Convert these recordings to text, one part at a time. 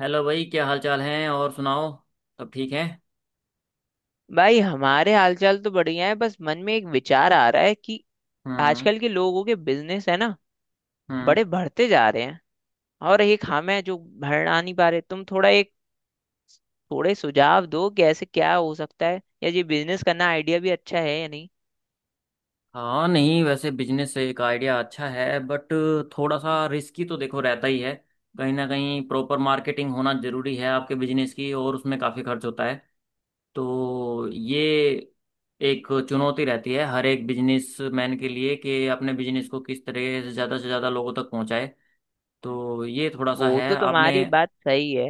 Hello भाई, क्या हाल चाल है? और सुनाओ, सब ठीक है? भाई हमारे हालचाल तो बढ़िया है। बस मन में एक विचार आ रहा है कि हम्म। आजकल के लोगों के बिजनेस है ना, हम्म। बड़े बढ़ते जा रहे हैं। और एक हम है जो भर आ नहीं पा रहे। तुम थोड़ा एक थोड़े सुझाव दो कि ऐसे क्या हो सकता है, या ये बिजनेस करना आइडिया भी अच्छा है या नहीं। हाँ नहीं, वैसे बिजनेस से एक आइडिया अच्छा है बट थोड़ा सा रिस्की तो देखो रहता ही है। कहीं ना कहीं प्रॉपर मार्केटिंग होना जरूरी है आपके बिजनेस की और उसमें काफ़ी खर्च होता है। तो ये एक चुनौती रहती है हर एक बिजनेस मैन के लिए कि अपने बिजनेस को किस तरह से ज़्यादा लोगों तक पहुंचाए। तो ये थोड़ा सा वो है तो आपने। तुम्हारी बात सही है।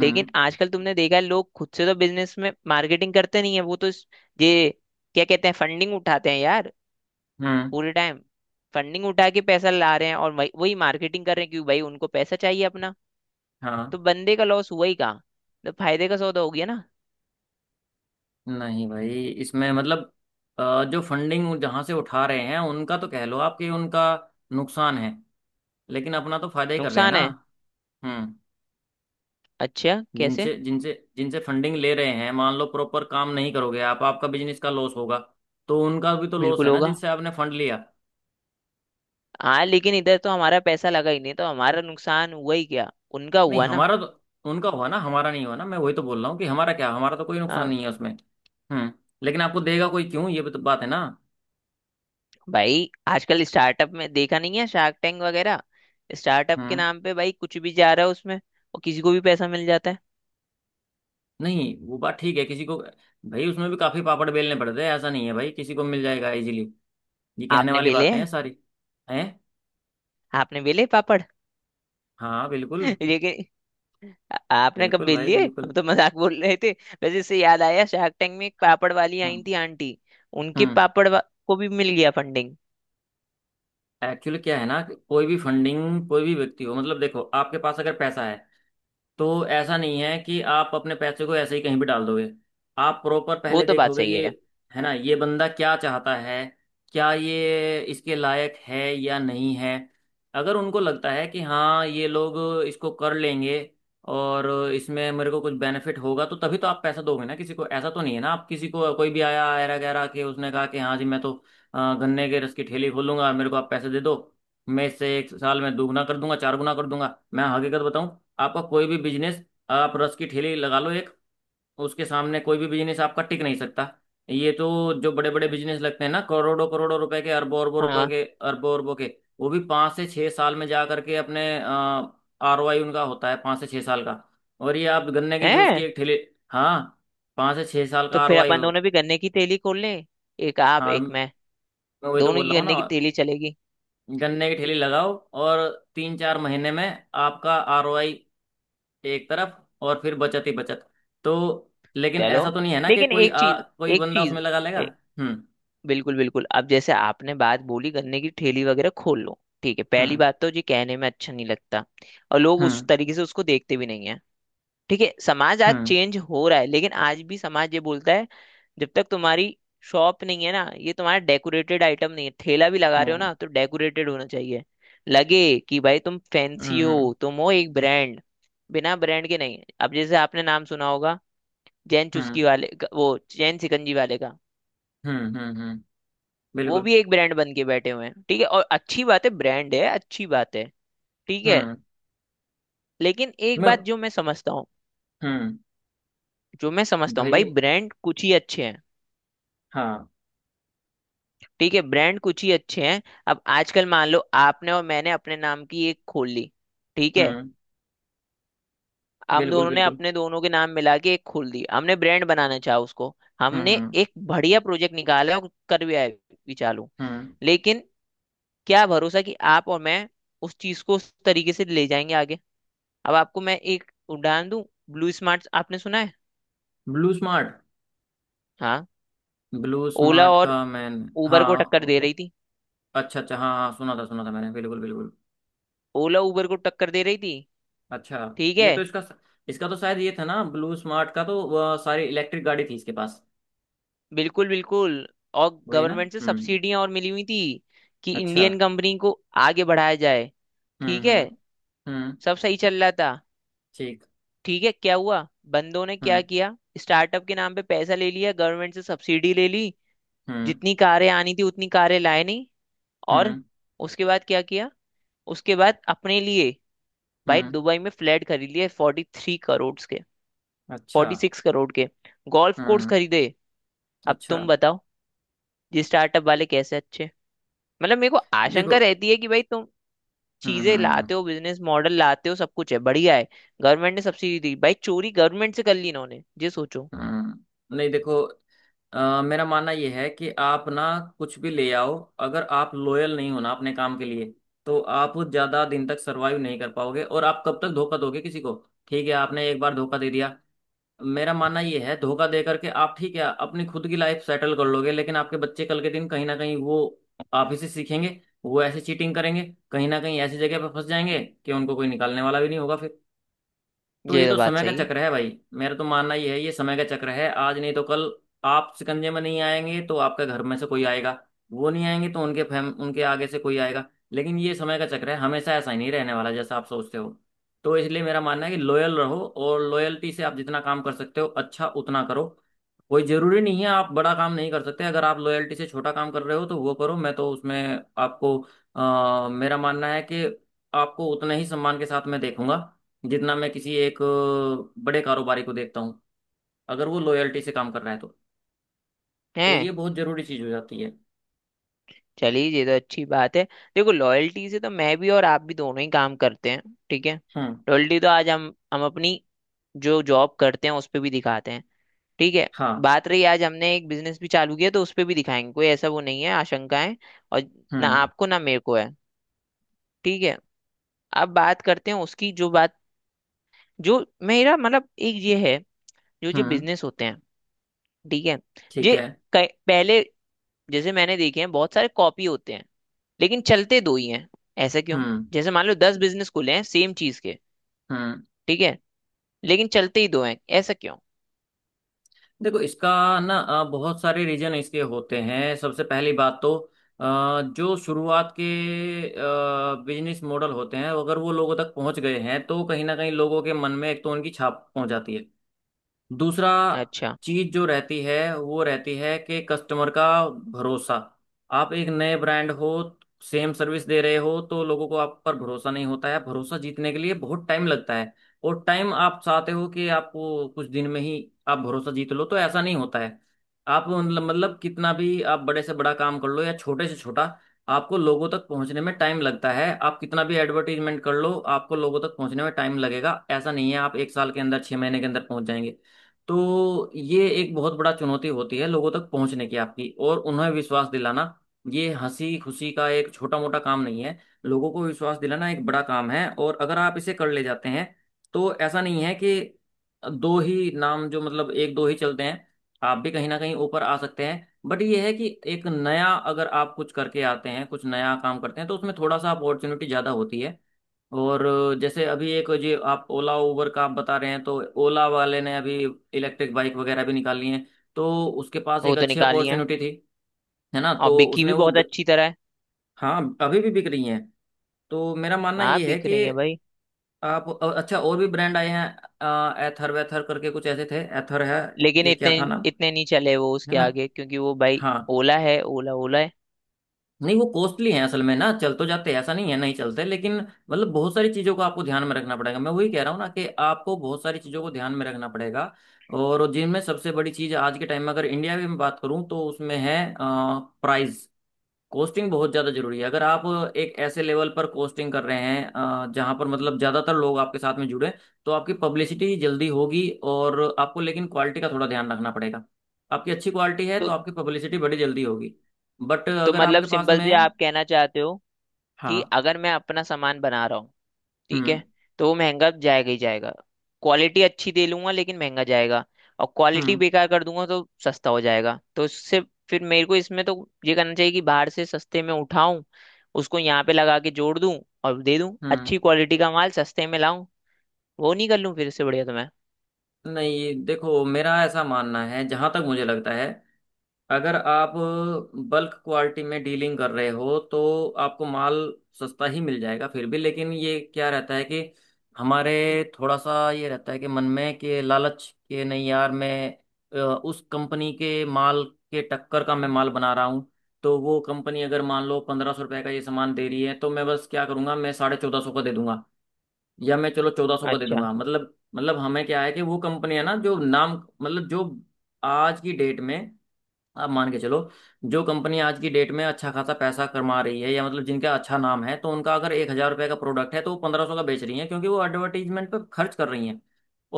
लेकिन आजकल तुमने देखा है, लोग खुद से तो बिजनेस में मार्केटिंग करते नहीं है। वो तो ये क्या कहते हैं, फंडिंग उठाते हैं यार। हम्म। पूरे टाइम फंडिंग उठा के पैसा ला रहे हैं, और वही वही मार्केटिंग कर रहे हैं, क्योंकि भाई उनको पैसा चाहिए अपना। तो हाँ बंदे का लॉस हुआ ही कहाँ। तो फायदे का सौदा हो गया ना। नहीं भाई, इसमें मतलब जो फंडिंग जहां से उठा रहे हैं उनका तो कह लो, आपके उनका नुकसान है। लेकिन अपना तो फायदा ही कर रहे हैं नुकसान ना। है। हम्म। अच्छा, कैसे? जिनसे जिनसे जिनसे फंडिंग ले रहे हैं, मान लो प्रॉपर काम नहीं करोगे आप, आपका बिजनेस का लॉस होगा। तो उनका भी तो लॉस बिल्कुल है ना होगा। जिनसे आपने फंड लिया। हाँ, लेकिन इधर तो हमारा पैसा लगा ही नहीं, तो हमारा नुकसान हुआ ही क्या, उनका नहीं हुआ ना। हमारा तो, उनका हुआ ना, हमारा नहीं हुआ ना। मैं वही तो बोल रहा हूँ कि हमारा क्या, हमारा तो कोई नुकसान हाँ। नहीं है उसमें। हम्म। लेकिन आपको देगा कोई क्यों, ये भी तो बात है ना। भाई आजकल स्टार्टअप में देखा नहीं है, शार्क टैंक वगैरह। स्टार्टअप के हम्म। नाम पे भाई कुछ भी जा रहा है उसमें, और किसी को भी पैसा मिल जाता है। नहीं वो बात ठीक है, किसी को भाई उसमें भी काफी पापड़ बेलने पड़ते हैं। ऐसा नहीं है भाई किसी को मिल जाएगा इजीली। ये कहने आपने वाली बेले बातें हैं हैं। सारी। हैं। आपने बेले पापड़ हाँ बिल्कुल। लेकिन आ- आपने कब बिल्कुल बेल भाई, लिए, हम बिल्कुल। तो मजाक बोल रहे थे। वैसे इससे याद आया, शार्क टैंक में एक पापड़ वाली आई हम्म। थी आंटी। उनके हम्म। पापड़ को भी मिल गया फंडिंग। एक्चुअली क्या है ना, कि कोई भी फंडिंग कोई भी व्यक्ति हो, मतलब देखो आपके पास अगर पैसा है तो ऐसा नहीं है कि आप अपने पैसे को ऐसे ही कहीं भी डाल दोगे। आप प्रॉपर वो पहले तो बात देखोगे सही कि, है। है ना, ये बंदा क्या चाहता है, क्या ये इसके लायक है या नहीं है। अगर उनको लगता है कि हाँ ये लोग इसको कर लेंगे, और इसमें मेरे को कुछ बेनिफिट होगा, तो तभी तो आप पैसा दोगे ना। किसी को ऐसा तो नहीं है ना, आप किसी को कोई भी आया ऐरा गैरा के उसने कहा कि हाँ जी मैं तो गन्ने के रस की ठेली खोलूंगा, मेरे को आप पैसे दे दो, मैं इससे एक साल में दोगुना कर दूंगा चार गुना कर दूंगा। मैं हकीकत बताऊं, आपका कोई भी बिजनेस, आप रस की ठेली लगा लो एक, उसके सामने कोई भी बिजनेस आपका टिक नहीं सकता। ये तो जो बड़े बड़े बिजनेस लगते हैं ना, करोड़ों करोड़ों रुपए के, अरबों अरबों रुपए हाँ। के, अरबों अरबों के, वो भी 5 से 6 साल में जा करके अपने ROI, उनका होता है 5 से 6 साल का। और ये आप गन्ने के जूस की है। एक ठेली। हाँ। 5 से 6 साल तो का आर ओ फिर आई हो। अपन दोनों भी गन्ने की तेली खोल लें, एक आप हाँ एक मैं। मैं वही तो दोनों बोल की रहा हूँ ना। गन्ने की तेली चलेगी। गन्ने की ठेली लगाओ और 3-4 महीने में आपका ROI एक तरफ, और फिर बचत ही बचत। तो लेकिन चलो। ऐसा तो नहीं है ना कि लेकिन कोई एक चीज कोई एक बंदा चीज उसमें लगा लेगा। ए, हम्म। बिल्कुल बिल्कुल। अब जैसे आपने बात बोली गन्ने की ठेली वगैरह खोल लो, ठीक है, पहली हम्म। बात तो जी कहने में अच्छा नहीं लगता। और लोग उस हम्म। तरीके से उसको देखते भी नहीं है। ठीक है, समाज आज हम्म। चेंज हो रहा है, लेकिन आज भी समाज ये बोलता है। जब तक तुम्हारी शॉप नहीं है ना, ये तुम्हारा डेकोरेटेड आइटम नहीं है, ठेला भी लगा रहे हो हम्म। ना तो डेकोरेटेड होना चाहिए। लगे कि भाई तुम फैंसी हम्म। हो, तुम हो एक ब्रांड। बिना ब्रांड के नहीं। अब जैसे आपने नाम सुना होगा जैन चुस्की हम्म। वाले का- वो जैन सिकंजी वाले का। हम्म। हम्म। वो बिल्कुल। भी एक ब्रांड बन के बैठे हुए हैं। ठीक है, और अच्छी बात है, ब्रांड है अच्छी बात है। ठीक है। हम्म। लेकिन एक मैं। बात जो मैं समझता हूँ हम्म। जो मैं समझता हूँ भाई भाई। ब्रांड कुछ ही अच्छे हैं। हाँ। ठीक है, ब्रांड कुछ ही अच्छे हैं। अब आजकल मान लो आपने और मैंने अपने नाम की एक खोल ली, ठीक है। हम्म। हम बिल्कुल दोनों ने बिल्कुल। अपने दोनों के नाम मिला के एक खोल दी, हमने ब्रांड बनाना चाहा उसको। हम्म। हमने हम्म। एक बढ़िया प्रोजेक्ट निकाला और कर भी आए, भी चालू। हम्म। लेकिन क्या भरोसा कि आप और मैं उस चीज को उस तरीके से ले जाएंगे आगे। अब आपको मैं एक उदाहरण दूं। ब्लू स्मार्ट आपने सुना है। Blue Smart? हाँ, ब्लू ओला स्मार्ट और का मैंने, उबर को हाँ टक्कर दे रही थी। अच्छा अच्छा, हाँ हाँ सुना था मैंने, बिल्कुल बिल्कुल। ओला उबर को टक्कर दे रही थी, अच्छा। ठीक ये है। तो इसका, इसका तो शायद ये था ना, ब्लू स्मार्ट का तो वह सारी इलेक्ट्रिक गाड़ी थी इसके पास। बिल्कुल बिल्कुल। और वही ना। गवर्नमेंट से हम्म। सब्सिडियां और मिली हुई थी कि अच्छा। इंडियन कंपनी को आगे बढ़ाया जाए। हम्म। ठीक है। हम्म। हम्म। सब सही चल रहा था, ठीक। ठीक है। क्या हुआ, बंदों ने क्या हम्म। किया? स्टार्टअप के नाम पे पैसा ले लिया, गवर्नमेंट से सब्सिडी ले ली। हम्म। जितनी कारें आनी थी उतनी कारें लाए नहीं, और हम्म। उसके बाद क्या किया? उसके बाद अपने लिए भाई हम्म। दुबई में फ्लैट खरीद लिए 43 करोड़ के, अच्छा। 46 करोड़ के गोल्फ कोर्स हम्म। खरीदे। अब अच्छा। तुम बताओ, ये स्टार्टअप वाले कैसे? मतलब मेरे को आशंका देखो। रहती है कि भाई तुम हम्म। चीजें हम्म। हम्म। लाते हो, बिजनेस मॉडल लाते हो, सब कुछ है, बढ़िया है। गवर्नमेंट ने सब्सिडी दी, भाई चोरी गवर्नमेंट से कर ली इन्होंने, ये सोचो। नहीं देखो, मेरा मानना यह है कि आप ना कुछ भी ले आओ, अगर आप लॉयल नहीं हो ना अपने काम के लिए तो आप ज्यादा दिन तक सरवाइव नहीं कर पाओगे, और आप कब तक धोखा दोगे किसी को। ठीक है आपने एक बार धोखा दे दिया, मेरा मानना ये है, धोखा दे करके आप ठीक है अपनी खुद की लाइफ सेटल कर लोगे, लेकिन आपके बच्चे कल के दिन कहीं ना कहीं वो आप ही से सीखेंगे, वो ऐसे चीटिंग करेंगे, कहीं ना कहीं ऐसी जगह पर फंस जाएंगे कि उनको कोई निकालने वाला भी नहीं होगा फिर। तो ये ये तो तो बात समय का सही है। चक्र है भाई। मेरा तो मानना ये है ये समय का चक्र है, आज नहीं तो कल आप शिकंजे में नहीं आएंगे तो आपके घर में से कोई आएगा, वो नहीं आएंगे तो उनके फैम, उनके आगे से कोई आएगा। लेकिन ये समय का चक्र है, हमेशा ऐसा ही नहीं रहने वाला जैसा आप सोचते हो। तो इसलिए मेरा मानना है कि लॉयल रहो, और लॉयल्टी से आप जितना काम कर सकते हो अच्छा उतना करो। कोई जरूरी नहीं है, आप बड़ा काम नहीं कर सकते, अगर आप लॉयल्टी से छोटा काम कर रहे हो तो वो करो। मैं तो उसमें आपको, मेरा मानना है कि आपको उतना ही सम्मान के साथ मैं देखूंगा जितना मैं किसी एक बड़े कारोबारी को देखता हूँ, अगर वो लॉयल्टी से काम कर रहा है तो। तो ये हैं। बहुत जरूरी चीज हो जाती है। चलिए, ये तो अच्छी बात है। देखो, लॉयल्टी से तो मैं भी और आप भी दोनों ही काम करते हैं, ठीक है। हम्म। लॉयल्टी तो आज हम अपनी जो जॉब करते हैं उस पर भी दिखाते हैं, ठीक है। हाँ। बात रही, आज हमने एक बिजनेस भी चालू किया तो उस पर भी दिखाएंगे, कोई ऐसा वो नहीं है आशंका है, और ना हम्म। आपको ना मेरे को है, ठीक है। अब बात करते हैं उसकी, जो बात जो मेरा मतलब एक ये है, जो ये हम्म। बिजनेस होते हैं, ठीक है। ठीक ये है। पहले जैसे मैंने देखे हैं, बहुत सारे कॉपी होते हैं, लेकिन चलते दो ही हैं, ऐसा क्यों? हम्म। जैसे मान लो 10 बिजनेस खुले हैं सेम चीज के, हम्म। ठीक है, लेकिन चलते ही दो हैं, ऐसा क्यों? देखो इसका ना बहुत सारे रीजन इसके होते हैं। सबसे पहली बात तो जो शुरुआत के बिजनेस मॉडल होते हैं, अगर वो लोगों तक पहुंच गए हैं तो कहीं ना कहीं लोगों के मन में एक तो उनकी छाप पहुंच जाती है। दूसरा अच्छा। चीज जो रहती है, वो रहती है कि कस्टमर का भरोसा। आप एक नए ब्रांड हो, सेम सर्विस दे रहे हो, तो लोगों को आप पर भरोसा नहीं होता है। भरोसा जीतने के लिए बहुत टाइम लगता है। और टाइम, आप चाहते हो कि आप वो कुछ दिन में ही आप भरोसा जीत लो, तो ऐसा नहीं होता है। आप मतलब कितना भी आप बड़े से बड़ा काम कर लो या छोटे से छोटा, आपको लोगों तक पहुंचने में टाइम लगता है। आप कितना भी एडवर्टीजमेंट कर लो, आपको लोगों तक पहुंचने में टाइम लगेगा। ऐसा नहीं है आप एक साल के अंदर, 6 महीने के अंदर पहुंच जाएंगे। तो ये एक बहुत बड़ा चुनौती होती है, लोगों तक पहुंचने की आपकी और उन्हें विश्वास दिलाना। ये हंसी खुशी का एक छोटा मोटा काम नहीं है। लोगों को विश्वास दिलाना एक बड़ा काम है, और अगर आप इसे कर ले जाते हैं, तो ऐसा नहीं है कि दो ही नाम, जो मतलब एक दो ही चलते हैं। आप भी कहीं ना कहीं ऊपर आ सकते हैं, बट ये है कि एक नया, अगर आप कुछ करके आते हैं, कुछ नया काम करते हैं, तो उसमें थोड़ा सा अपॉर्चुनिटी ज़्यादा होती है। और जैसे अभी एक जो आप ओला उबर का आप बता रहे हैं, तो ओला वाले ने अभी इलेक्ट्रिक बाइक वगैरह भी निकाली हैं। तो उसके पास वो एक तो अच्छी निकाली है, अपॉर्चुनिटी थी। है ना, और तो बिकी उसने भी वो बहुत अच्छी तरह है। हाँ, अभी भी बिक रही हैं। तो मेरा मानना हाँ ये है बिक कि रही है भाई। आप अच्छा और भी ब्रांड आए हैं, एथर वेथर करके कुछ ऐसे थे, एथर है लेकिन या क्या इतने था नाम। इतने नहीं चले वो है उसके ना। आगे, क्योंकि वो भाई हाँ। ओला है, ओला ओला है। नहीं वो कॉस्टली है असल में ना, चल तो जाते हैं, ऐसा नहीं है नहीं चलते, लेकिन मतलब बहुत सारी चीज़ों को आपको ध्यान में रखना पड़ेगा। मैं वही कह रहा हूँ ना कि आपको बहुत सारी चीज़ों को ध्यान में रखना पड़ेगा। और जिनमें सबसे बड़ी चीज़ आज के टाइम में अगर इंडिया की मैं बात करूँ तो उसमें है प्राइस। कोस्टिंग बहुत ज़्यादा जरूरी है। अगर आप एक ऐसे लेवल पर कोस्टिंग कर रहे हैं जहाँ पर मतलब ज़्यादातर लोग आपके साथ में जुड़े, तो आपकी पब्लिसिटी जल्दी होगी, और आपको लेकिन क्वालिटी का थोड़ा ध्यान रखना पड़ेगा। आपकी अच्छी क्वालिटी है तो तो आपकी पब्लिसिटी बड़ी जल्दी होगी। बट तो अगर मतलब आपके पास सिंपल से में, आप कहना चाहते हो कि हाँ। अगर मैं अपना सामान बना रहा हूँ, ठीक है, हम्म। तो वो महंगा जाएगा ही जाएगा। क्वालिटी अच्छी दे लूंगा लेकिन महंगा जाएगा। और क्वालिटी हम्म। बेकार कर दूंगा तो सस्ता हो जाएगा, तो इससे फिर मेरे को इसमें तो ये करना चाहिए कि बाहर से सस्ते में उठाऊं, उसको यहाँ पे लगा के जोड़ दूं, और दे दूं, हम्म। अच्छी क्वालिटी का माल सस्ते में लाऊं, वो नहीं कर लूं, फिर इससे बढ़िया तो मैं। नहीं देखो, मेरा ऐसा मानना है, जहाँ तक मुझे लगता है, अगर आप बल्क क्वालिटी में डीलिंग कर रहे हो तो आपको माल सस्ता ही मिल जाएगा फिर भी, लेकिन ये क्या रहता है कि हमारे थोड़ा सा ये रहता है कि मन में कि लालच के, नहीं यार, मैं उस कंपनी के माल के टक्कर का मैं माल बना रहा हूँ। तो वो कंपनी अगर मान लो 1500 रुपए का ये सामान दे रही है, तो मैं बस क्या करूंगा, मैं 1450 का दे दूंगा, या मैं चलो 1400 का दे अच्छा। दूंगा। मतलब हमें क्या है कि वो कंपनी है ना जो नाम, मतलब जो आज की डेट में, आप मान के चलो, जो कंपनी आज की डेट में अच्छा खासा पैसा कमा रही है या मतलब जिनका अच्छा नाम है, तो उनका अगर 1000 रुपये का प्रोडक्ट है तो वो 1500 का बेच रही है, क्योंकि वो एडवर्टीजमेंट पे खर्च कर रही हैं।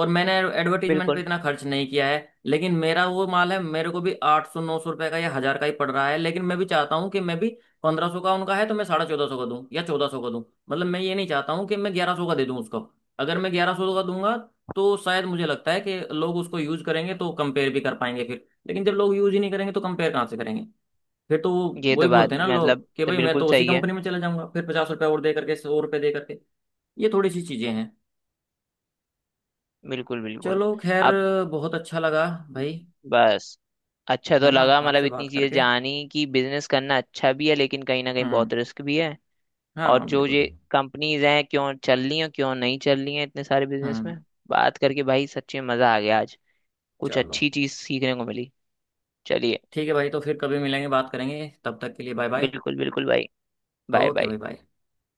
और मैंने एडवर्टीजमेंट पे बिल्कुल। इतना खर्च नहीं किया है, लेकिन मेरा वो माल है, मेरे को भी 800, 900 रुपये का या हजार का ही पड़ रहा है, लेकिन मैं भी चाहता हूँ कि मैं भी 1500 का उनका है तो मैं 1450 का दूँ या 1400 का दूँ। मतलब मैं ये नहीं चाहता हूँ कि मैं 1100 का दे दूँ उसको। अगर मैं 1100 का दूंगा, तो शायद मुझे लगता है कि लोग उसको यूज करेंगे तो कंपेयर भी कर पाएंगे फिर। लेकिन जब लोग यूज ही नहीं करेंगे तो कंपेयर कहाँ से करेंगे, फिर तो वो ये वही तो बात बोलते हैं ना मतलब लोग कि तो भाई मैं बिल्कुल तो उसी सही है। कंपनी में चला जाऊंगा फिर, 50 रुपये और दे करके, 100 रुपये दे करके। ये थोड़ी सी चीजें हैं। बिल्कुल बिल्कुल। चलो खैर, अब बहुत अच्छा लगा भाई, बस, अच्छा है तो ना, लगा मतलब, आपसे इतनी बात चीजें करके। जानी कि बिजनेस करना अच्छा भी है, लेकिन कहीं ना कहीं बहुत हम्म। रिस्क भी है। हाँ और हाँ जो बिल्कुल ये बिल्कुल। कंपनीज हैं क्यों चल रही हैं क्यों नहीं चल रही हैं इतने सारे बिजनेस हम्म। में। बात करके भाई सच्ची में मजा आ गया आज, कुछ चलो अच्छी चीज सीखने को मिली। चलिए। ठीक है भाई, तो फिर कभी मिलेंगे, बात करेंगे, तब तक के लिए बाय बाय। बिल्कुल बिल्कुल भाई। Bye okay bye. भाई, बाय।